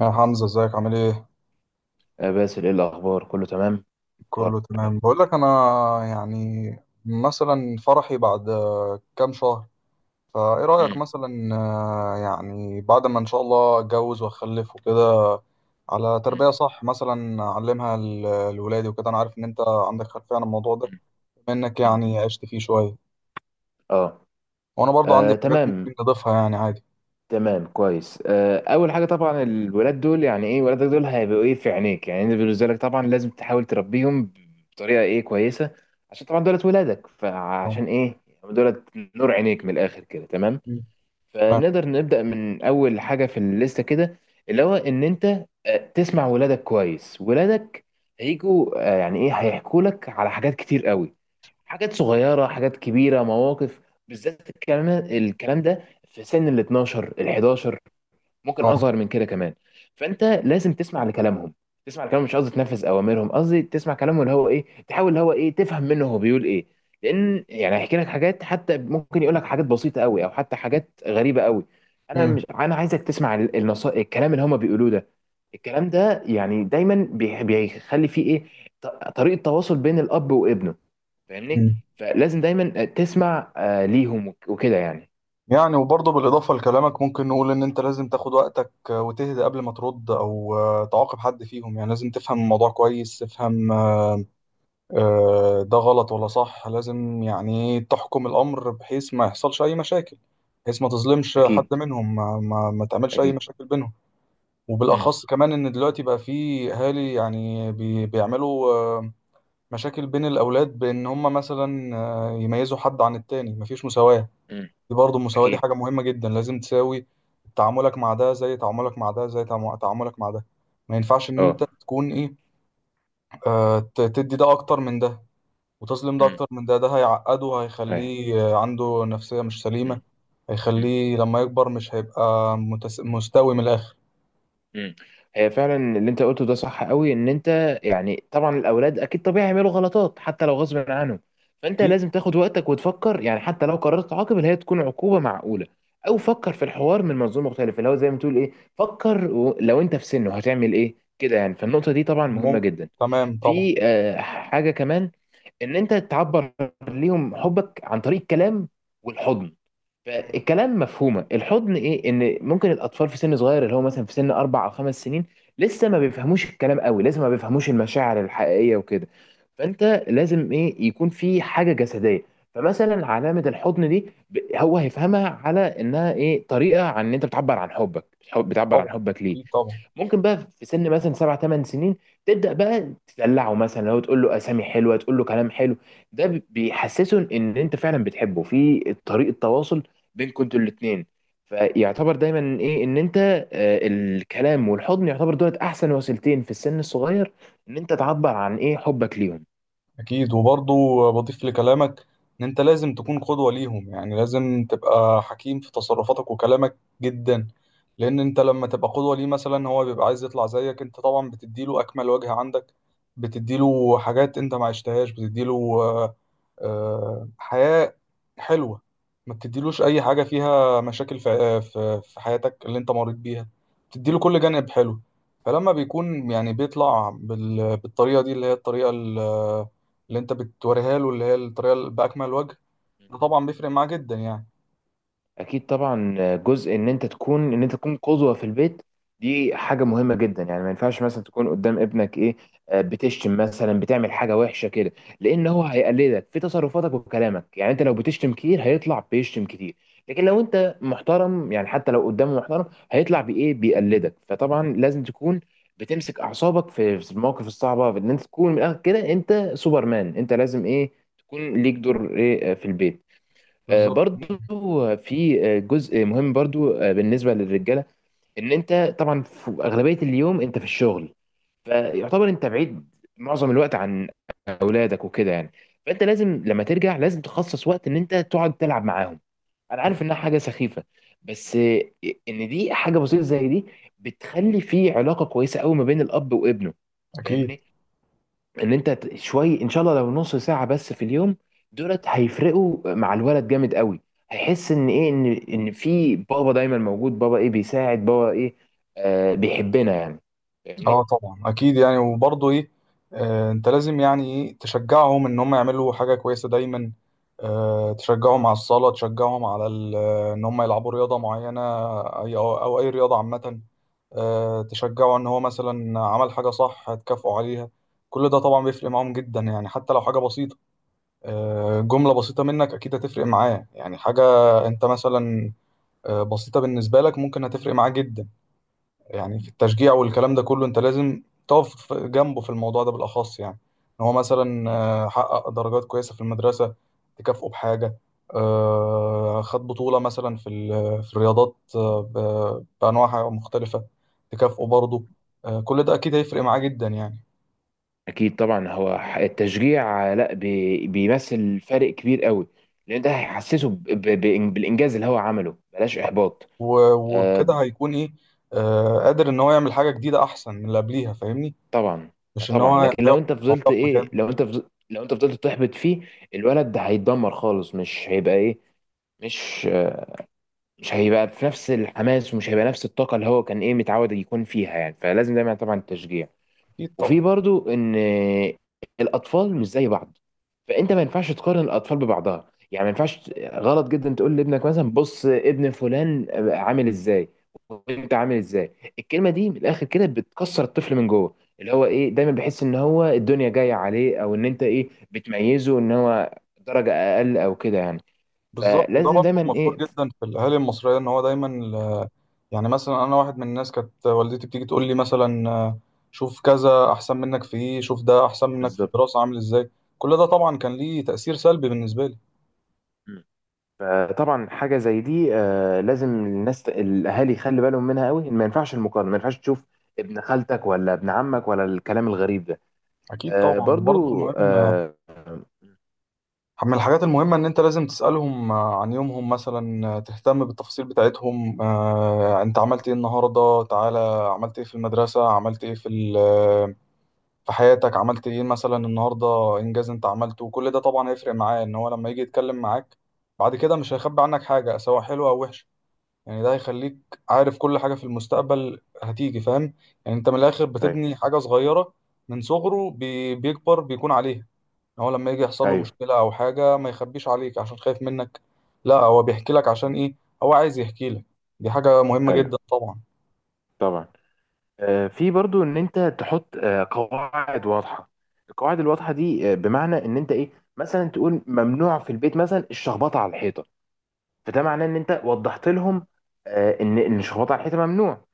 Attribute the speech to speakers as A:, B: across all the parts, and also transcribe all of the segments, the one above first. A: يا حمزة، ازيك عامل ايه؟
B: باسل، ايه الاخبار؟ كله تمام؟ أخبار؟
A: كله تمام. بقول لك انا، يعني مثلا فرحي بعد كام شهر. فايه رأيك
B: مم.
A: مثلا، يعني بعد ما ان شاء الله اتجوز واخلف وكده، على
B: مم.
A: تربية صح. مثلا اعلمها لولادي وكده. انا عارف ان انت عندك خلفية عن الموضوع ده،
B: مم.
A: بما انك
B: مم.
A: يعني عشت فيه شوية.
B: اه.
A: وانا برضو عندي حاجات
B: تمام،
A: ممكن نضيفها يعني عادي.
B: تمام، كويس. اول حاجه طبعا الولاد دول يعني ايه، ولادك دول هيبقوا ايه في عينيك، يعني انت بالنسبه لك طبعا لازم تحاول تربيهم بطريقه ايه كويسه. عشان طبعا دولت ولادك،
A: اه.
B: فعشان ايه يعني دولت نور عينيك من الاخر كده تمام.
A: مم. تمام.
B: فنقدر نبدا من اول حاجه في الليسته كده، اللي هو ان انت تسمع ولادك كويس. ولادك هيجوا، يعني ايه، هيحكوا لك على حاجات كتير قوي، حاجات صغيرة، حاجات كبيرة، مواقف، بالذات الكلام ده في سن ال 12، ال 11، ممكن
A: اه.
B: أصغر من كده كمان. فأنت لازم تسمع لكلامهم، تسمع لكلامهم. مش قصدي تنفذ أوامرهم، قصدي تسمع كلامه، اللي هو إيه، تحاول اللي هو إيه تفهم منه هو بيقول إيه. لأن يعني هيحكي لك حاجات، حتى ممكن يقول لك حاجات بسيطة قوي أو حتى حاجات غريبة قوي. أنا
A: مم.
B: مش أنا عايزك تسمع النصائح، الكلام اللي هما بيقولوه ده. الكلام ده يعني دايما بيخلي فيه إيه، ط- طريقة تواصل بين الأب وابنه، فاهمني.
A: مم.
B: فلازم دايما تسمع ليهم وكده يعني.
A: يعني وبرضه بالإضافة لكلامك ممكن نقول إن أنت لازم تاخد وقتك، وتهدى قبل ما ترد، أو تعاقب حد فيهم. يعني لازم تفهم الموضوع كويس، تفهم ده غلط ولا صح. لازم يعني إيه، تحكم الأمر بحيث ما يحصلش أي مشاكل، بحيث ما تظلمش حد
B: اكيد.
A: منهم، ما تعملش أي
B: اكيد.
A: مشاكل بينهم.
B: امم.
A: وبالأخص كمان إن دلوقتي بقى في أهالي يعني بيعملوا مشاكل بين الأولاد، بإن هم مثلا يميزوا حد عن التاني، مفيش مساواة.
B: امم.
A: دي برضه المساواة دي
B: اكيد.
A: حاجة مهمة جدا. لازم تساوي تعاملك مع ده زي تعاملك مع ده، زي تعاملك مع ده. ما ينفعش إن
B: اه.
A: أنت تكون إيه، آه تدي ده أكتر من ده، وتظلم ده
B: امم.
A: أكتر من ده. ده هيعقده،
B: أيوة.
A: هيخليه عنده نفسية مش سليمة.
B: امم. امم.
A: هيخليه لما يكبر مش هيبقى مستوي من الآخر.
B: امم. هي فعلا اللي انت قلته ده صح قوي، ان انت يعني طبعا الاولاد اكيد طبيعي يعملوا غلطات حتى لو غصب عنهم. فانت
A: أكيد.
B: لازم تاخد وقتك وتفكر، يعني حتى لو قررت تعاقب اللي هي تكون عقوبه معقوله. او فكر في الحوار من منظور مختلف، اللي هو زي ما تقول ايه، فكر لو انت في سنه هتعمل ايه كده يعني. فالنقطه دي طبعا مهمه
A: ممكن.
B: جدا.
A: تمام طبعا.
B: في حاجه كمان، ان انت تعبر ليهم حبك عن طريق الكلام والحضن.
A: مم.
B: فالكلام مفهومه، الحضن ايه، ان ممكن الاطفال في سن صغير، اللي هو مثلا في سن اربع او خمس سنين، لسه ما بيفهموش الكلام قوي، لسه ما بيفهموش المشاعر الحقيقيه وكده. فانت لازم ايه، يكون في حاجه جسديه. فمثلا علامه الحضن دي هو هيفهمها على انها ايه، طريقه عن ان انت بتعبر عن حبك، بتعبر عن
A: طبعا.
B: حبك ليه.
A: أكيد طبعا.
B: ممكن بقى في سن مثلا سبع ثمان سنين تبدأ بقى تدلعه، مثلا لو تقول له أسامي حلوة، تقول له كلام حلو. ده بيحسسه إن أنت فعلا بتحبه، في طريقة تواصل بينكم انتوا الاتنين. فيعتبر دايما إيه، إن أنت الكلام والحضن يعتبر دولت أحسن وسيلتين في السن الصغير، إن أنت تعبر عن إيه حبك ليهم.
A: أكيد. وبرضه بضيف لكلامك، إن أنت لازم تكون قدوة ليهم. يعني لازم تبقى حكيم في تصرفاتك وكلامك جدا. لأن أنت لما تبقى قدوة ليه، مثلا هو بيبقى عايز يطلع زيك. أنت طبعا بتديله أكمل وجه عندك، بتديله حاجات أنت ما عشتهاش، بتديله حياة حلوة. ما بتديلوش أي حاجة فيها مشاكل في آه، في في حياتك اللي أنت مريت بيها. بتديله كل جانب حلو. فلما بيكون يعني بيطلع بالطريقة دي، اللي هي الطريقة اللي أنت بتوريها له، اللي هي الطريقة اللي بأكمل وجه. ده طبعا بيفرق معاه جدا يعني.
B: اكيد طبعا. جزء ان انت تكون، ان انت تكون قدوه في البيت، دي حاجه مهمه جدا. يعني ما ينفعش مثلا تكون قدام ابنك ايه بتشتم، مثلا بتعمل حاجه وحشه كده، لان هو هيقلدك في تصرفاتك وكلامك. يعني انت لو بتشتم كتير هيطلع بيشتم كتير، لكن لو انت محترم يعني حتى لو قدامه محترم هيطلع بايه بيقلدك. فطبعا لازم تكون بتمسك اعصابك في المواقف الصعبه، في ان انت تكون من الاخر كده انت سوبرمان، انت لازم ايه، تكون ليك دور ايه في البيت.
A: بالظبط.
B: برضو في جزء مهم برضو بالنسبة للرجالة، ان انت طبعا في اغلبية اليوم انت في الشغل، فيعتبر انت بعيد معظم الوقت عن اولادك وكده يعني. فانت لازم لما ترجع لازم تخصص وقت ان انت تقعد تلعب معاهم. انا عارف انها حاجة سخيفة، بس ان دي حاجة بسيطة زي دي بتخلي في علاقة كويسة قوي ما بين الاب وابنه،
A: أكيد.
B: فاهمني. ان انت شوي ان شاء الله لو نص ساعة بس في اليوم، دولت هيفرقوا مع الولد جامد قوي. هيحس ان ايه، ان ان في بابا دايما موجود، بابا ايه بيساعد، بابا ايه آه بيحبنا يعني،
A: اه
B: فاهمني.
A: طبعا اكيد. يعني وبرضه ايه، انت لازم يعني ايه تشجعهم ان هم يعملوا حاجه كويسه دايما. تشجعهم على الصلاه، تشجعهم على ان هم يلعبوا رياضه معينه، اي أو اي رياضه عامه. تشجعه ان هو مثلا عمل حاجه صح هتكافئه عليها. كل ده طبعا بيفرق معاهم جدا يعني، حتى لو حاجه بسيطه، جمله بسيطه منك اكيد هتفرق معاه. يعني حاجه انت مثلا بسيطه بالنسبه لك ممكن هتفرق معاه جدا. يعني في
B: مم.
A: التشجيع والكلام ده كله انت لازم تقف جنبه في الموضوع ده بالاخص. يعني ان هو مثلا
B: مم.
A: حقق درجات كويسه في المدرسه تكافئه بحاجه. خد بطوله مثلا في في الرياضات، بانواعها مختلفه، تكافئه برضه. كل ده اكيد هيفرق معاه جدا يعني.
B: اكيد طبعا. هو التشجيع لا بيمثل فرق كبير قوي، لان ده هيحسسه بالانجاز اللي هو عمله، بلاش احباط.
A: و- وبكده
B: آه
A: هيكون ايه، قادر ان هو يعمل حاجه جديده احسن من اللي قبليها. فاهمني؟
B: طبعا. ما
A: مش ان
B: طبعا،
A: هو
B: لكن
A: هيقف،
B: لو انت فضلت
A: هيقف
B: ايه،
A: مكانه.
B: لو انت فضلت تحبط فيه الولد ده هيتدمر خالص. مش هيبقى ايه، مش مش هيبقى في نفس الحماس، ومش هيبقى نفس الطاقة اللي هو كان ايه متعود يكون فيها يعني. فلازم دايما طبعا التشجيع.
A: اكيد
B: وفي
A: طبعا.
B: برضو ان الاطفال مش زي بعض، فانت ما ينفعش تقارن الاطفال ببعضها. يعني ما ينفعش، غلط جدا، تقول لابنك مثلا بص ابن فلان عامل ازاي وانت عامل ازاي. الكلمة دي من الاخر كده بتكسر الطفل من جوه، اللي هو ايه، دايما بيحس ان هو الدنيا جاية عليه، او ان انت ايه بتميزه ان هو درجة اقل او كده يعني.
A: بالظبط. وده
B: فلازم
A: برضه
B: دايما
A: مفروض
B: ايه.
A: جدا في الاهالي المصريه ان هو دايما. يعني مثلا انا واحد من الناس كانت والدتي بتيجي تقول لي مثلا شوف كذا احسن منك في ايه، شوف ده احسن منك في
B: بالظبط.
A: الدراسه عامل ازاي. كل ده طبعا كان ليه تاثير سلبي بالنسبه لي.
B: مم. فطبعا حاجه زي دي لازم الناس الاهالي يخلي بالهم منها قوي. ما ينفعش المقارنه، ما ينفعش تشوف ابن خالتك ولا ابن عمك ولا الكلام الغريب ده.
A: اكيد
B: مم.
A: طبعا. وبرضه
B: برضو
A: المهم من الحاجات المهمه ان انت لازم تسالهم عن يومهم. مثلا تهتم بالتفاصيل بتاعتهم. انت عملت ايه النهارده؟ تعالى، عملت ايه في المدرسه؟ عملت ايه في في حياتك؟ عملت ايه مثلا النهارده، انجاز انت عملته؟ وكل ده طبعا هيفرق معاه ان هو لما يجي يتكلم معاك بعد كده مش هيخبي عنك حاجه، سواء حلوه او وحشه. يعني ده هيخليك عارف كل حاجه في المستقبل هتيجي، فاهم؟ يعني انت من الاخر
B: ايوه.
A: بتبني حاجه صغيره من صغره، بيكبر بيكون عليها. ان هو لما يجي يحصل له
B: ايوه.
A: مشكله او حاجه ما يخبيش عليك عشان خايف منك، لا هو بيحكي لك. عشان
B: بالظبط.
A: ايه؟ هو عايز يحكي لك. دي حاجه مهمه جدا
B: ايوه.
A: طبعا.
B: طبعا. في برضو ان انت تحط قواعد واضحه. القواعد الواضحه دي بمعنى ان انت ايه، مثلا تقول ممنوع في البيت مثلا الشخبطه على الحيطه. فده معناه ان انت وضحت لهم ان الشخبطه على الحيطه ممنوع.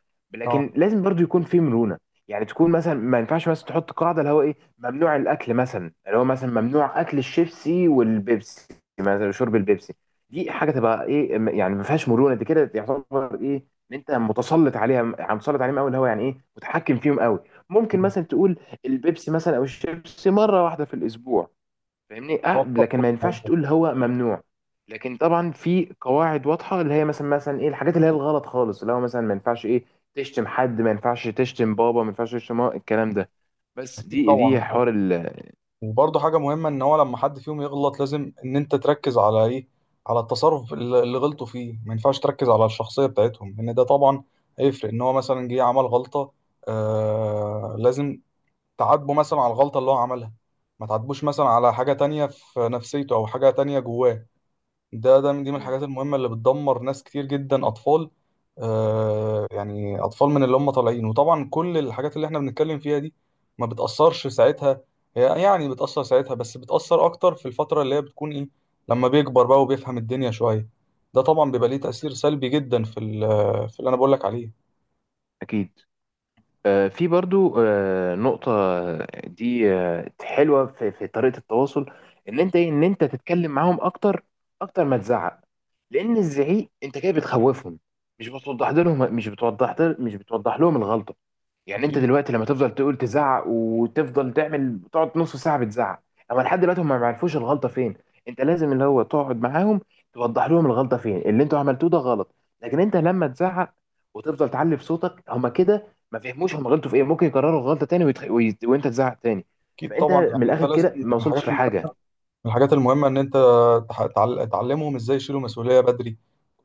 A: اه.
B: لكن لازم برضو يكون في مرونه. يعني تكون مثلا، ما ينفعش مثلا تحط قاعده اللي هو ايه ممنوع الاكل مثلا، اللي هو مثلا ممنوع اكل الشيبسي والبيبسي، مثلا شرب البيبسي. دي حاجه تبقى ايه يعني ما فيهاش مرونه، دي كده يعتبر ايه ان انت متسلط عليها، عم مسلط عليهم قوي، اللي هو يعني ايه متحكم فيهم قوي. ممكن
A: مم.
B: مثلا تقول البيبسي مثلا او الشيبسي مره واحده في الاسبوع، فاهمني. اه.
A: هو
B: لكن
A: بيفكر في
B: ما ينفعش
A: الموضوع.
B: تقول هو ممنوع. لكن طبعا في قواعد واضحه اللي هي مثلا، مثلا ايه الحاجات اللي هي الغلط خالص، اللي هو مثلا ما ينفعش ايه تشتم حد، ما ينفعش تشتم بابا، ما ينفعش تشتم ماما، الكلام ده. بس
A: اكيد
B: دي
A: طبعا.
B: دي حوار ال.
A: وبرضه حاجة مهمة، إن هو لما حد فيهم يغلط لازم إن أنت تركز على إيه؟ على التصرف اللي غلطوا فيه. ما ينفعش تركز على الشخصية بتاعتهم. إن ده طبعا هيفرق. إن هو مثلا جه عمل غلطة، لازم تعاتبه مثلا على الغلطة اللي هو عملها، ما تعاتبوش مثلا على حاجة تانية في نفسيته أو حاجة تانية جواه. دي من
B: مم.
A: الحاجات المهمة اللي بتدمر ناس كتير جدا، أطفال.
B: مم.
A: يعني أطفال من اللي هم طالعين. وطبعا كل الحاجات اللي احنا بنتكلم فيها دي ما بتأثرش ساعتها. هي يعني بتأثر ساعتها، بس بتأثر أكتر في الفترة اللي هي بتكون إيه، لما بيكبر بقى وبيفهم الدنيا شوية. ده طبعا بيبقى ليه تأثير سلبي جدا في في اللي أنا بقول لك عليه.
B: اكيد. في برضو نقطه دي حلوه في, في طريقه التواصل، ان انت ايه، ان انت تتكلم معاهم اكتر، اكتر ما تزعق. لان الزعيق انت كده بتخوفهم، مش بتوضح لهم، مش بتوضح لهم الغلطه. يعني انت
A: أكيد.
B: دلوقتي لما تفضل تقول تزعق وتفضل تعمل تقعد نص ساعه بتزعق، اما لحد دلوقتي هم ما يعرفوش الغلطه فين. انت لازم اللي هو تقعد معاهم، توضح لهم الغلطه فين، اللي انتوا عملتوه ده غلط. لكن انت لما تزعق وتفضل تعلي في صوتك، هم كده ما فهموش هم غلطوا في ايه، ممكن يكرروا الغلطه تاني وانت تزعق تاني.
A: أكيد
B: فانت
A: طبعا.
B: من
A: يعني أنت
B: الاخر
A: لازم
B: كده
A: من
B: ما
A: الحاجات
B: وصلتش
A: المهمة،
B: لحاجه.
A: من الحاجات المهمة إن أنت تعلمهم إزاي يشيلوا مسؤولية بدري.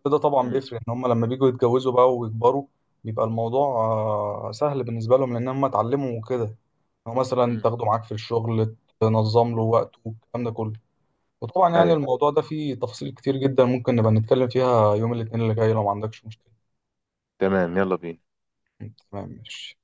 A: ده طبعا
B: امم.
A: بيفرق ان هم لما بيجوا يتجوزوا بقى ويكبروا، بيبقى الموضوع سهل بالنسبه لهم لان هم اتعلموا وكده. هو مثلا
B: امم.
A: تاخده معاك في الشغل تنظم له وقته والكلام ده كله. وطبعا يعني
B: ايوه.
A: الموضوع ده فيه تفاصيل كتير جدا ممكن نبقى نتكلم فيها يوم الاثنين اللي جاي، لو ما عندكش مشكله.
B: تمام، يلا بينا.
A: تمام ماشي.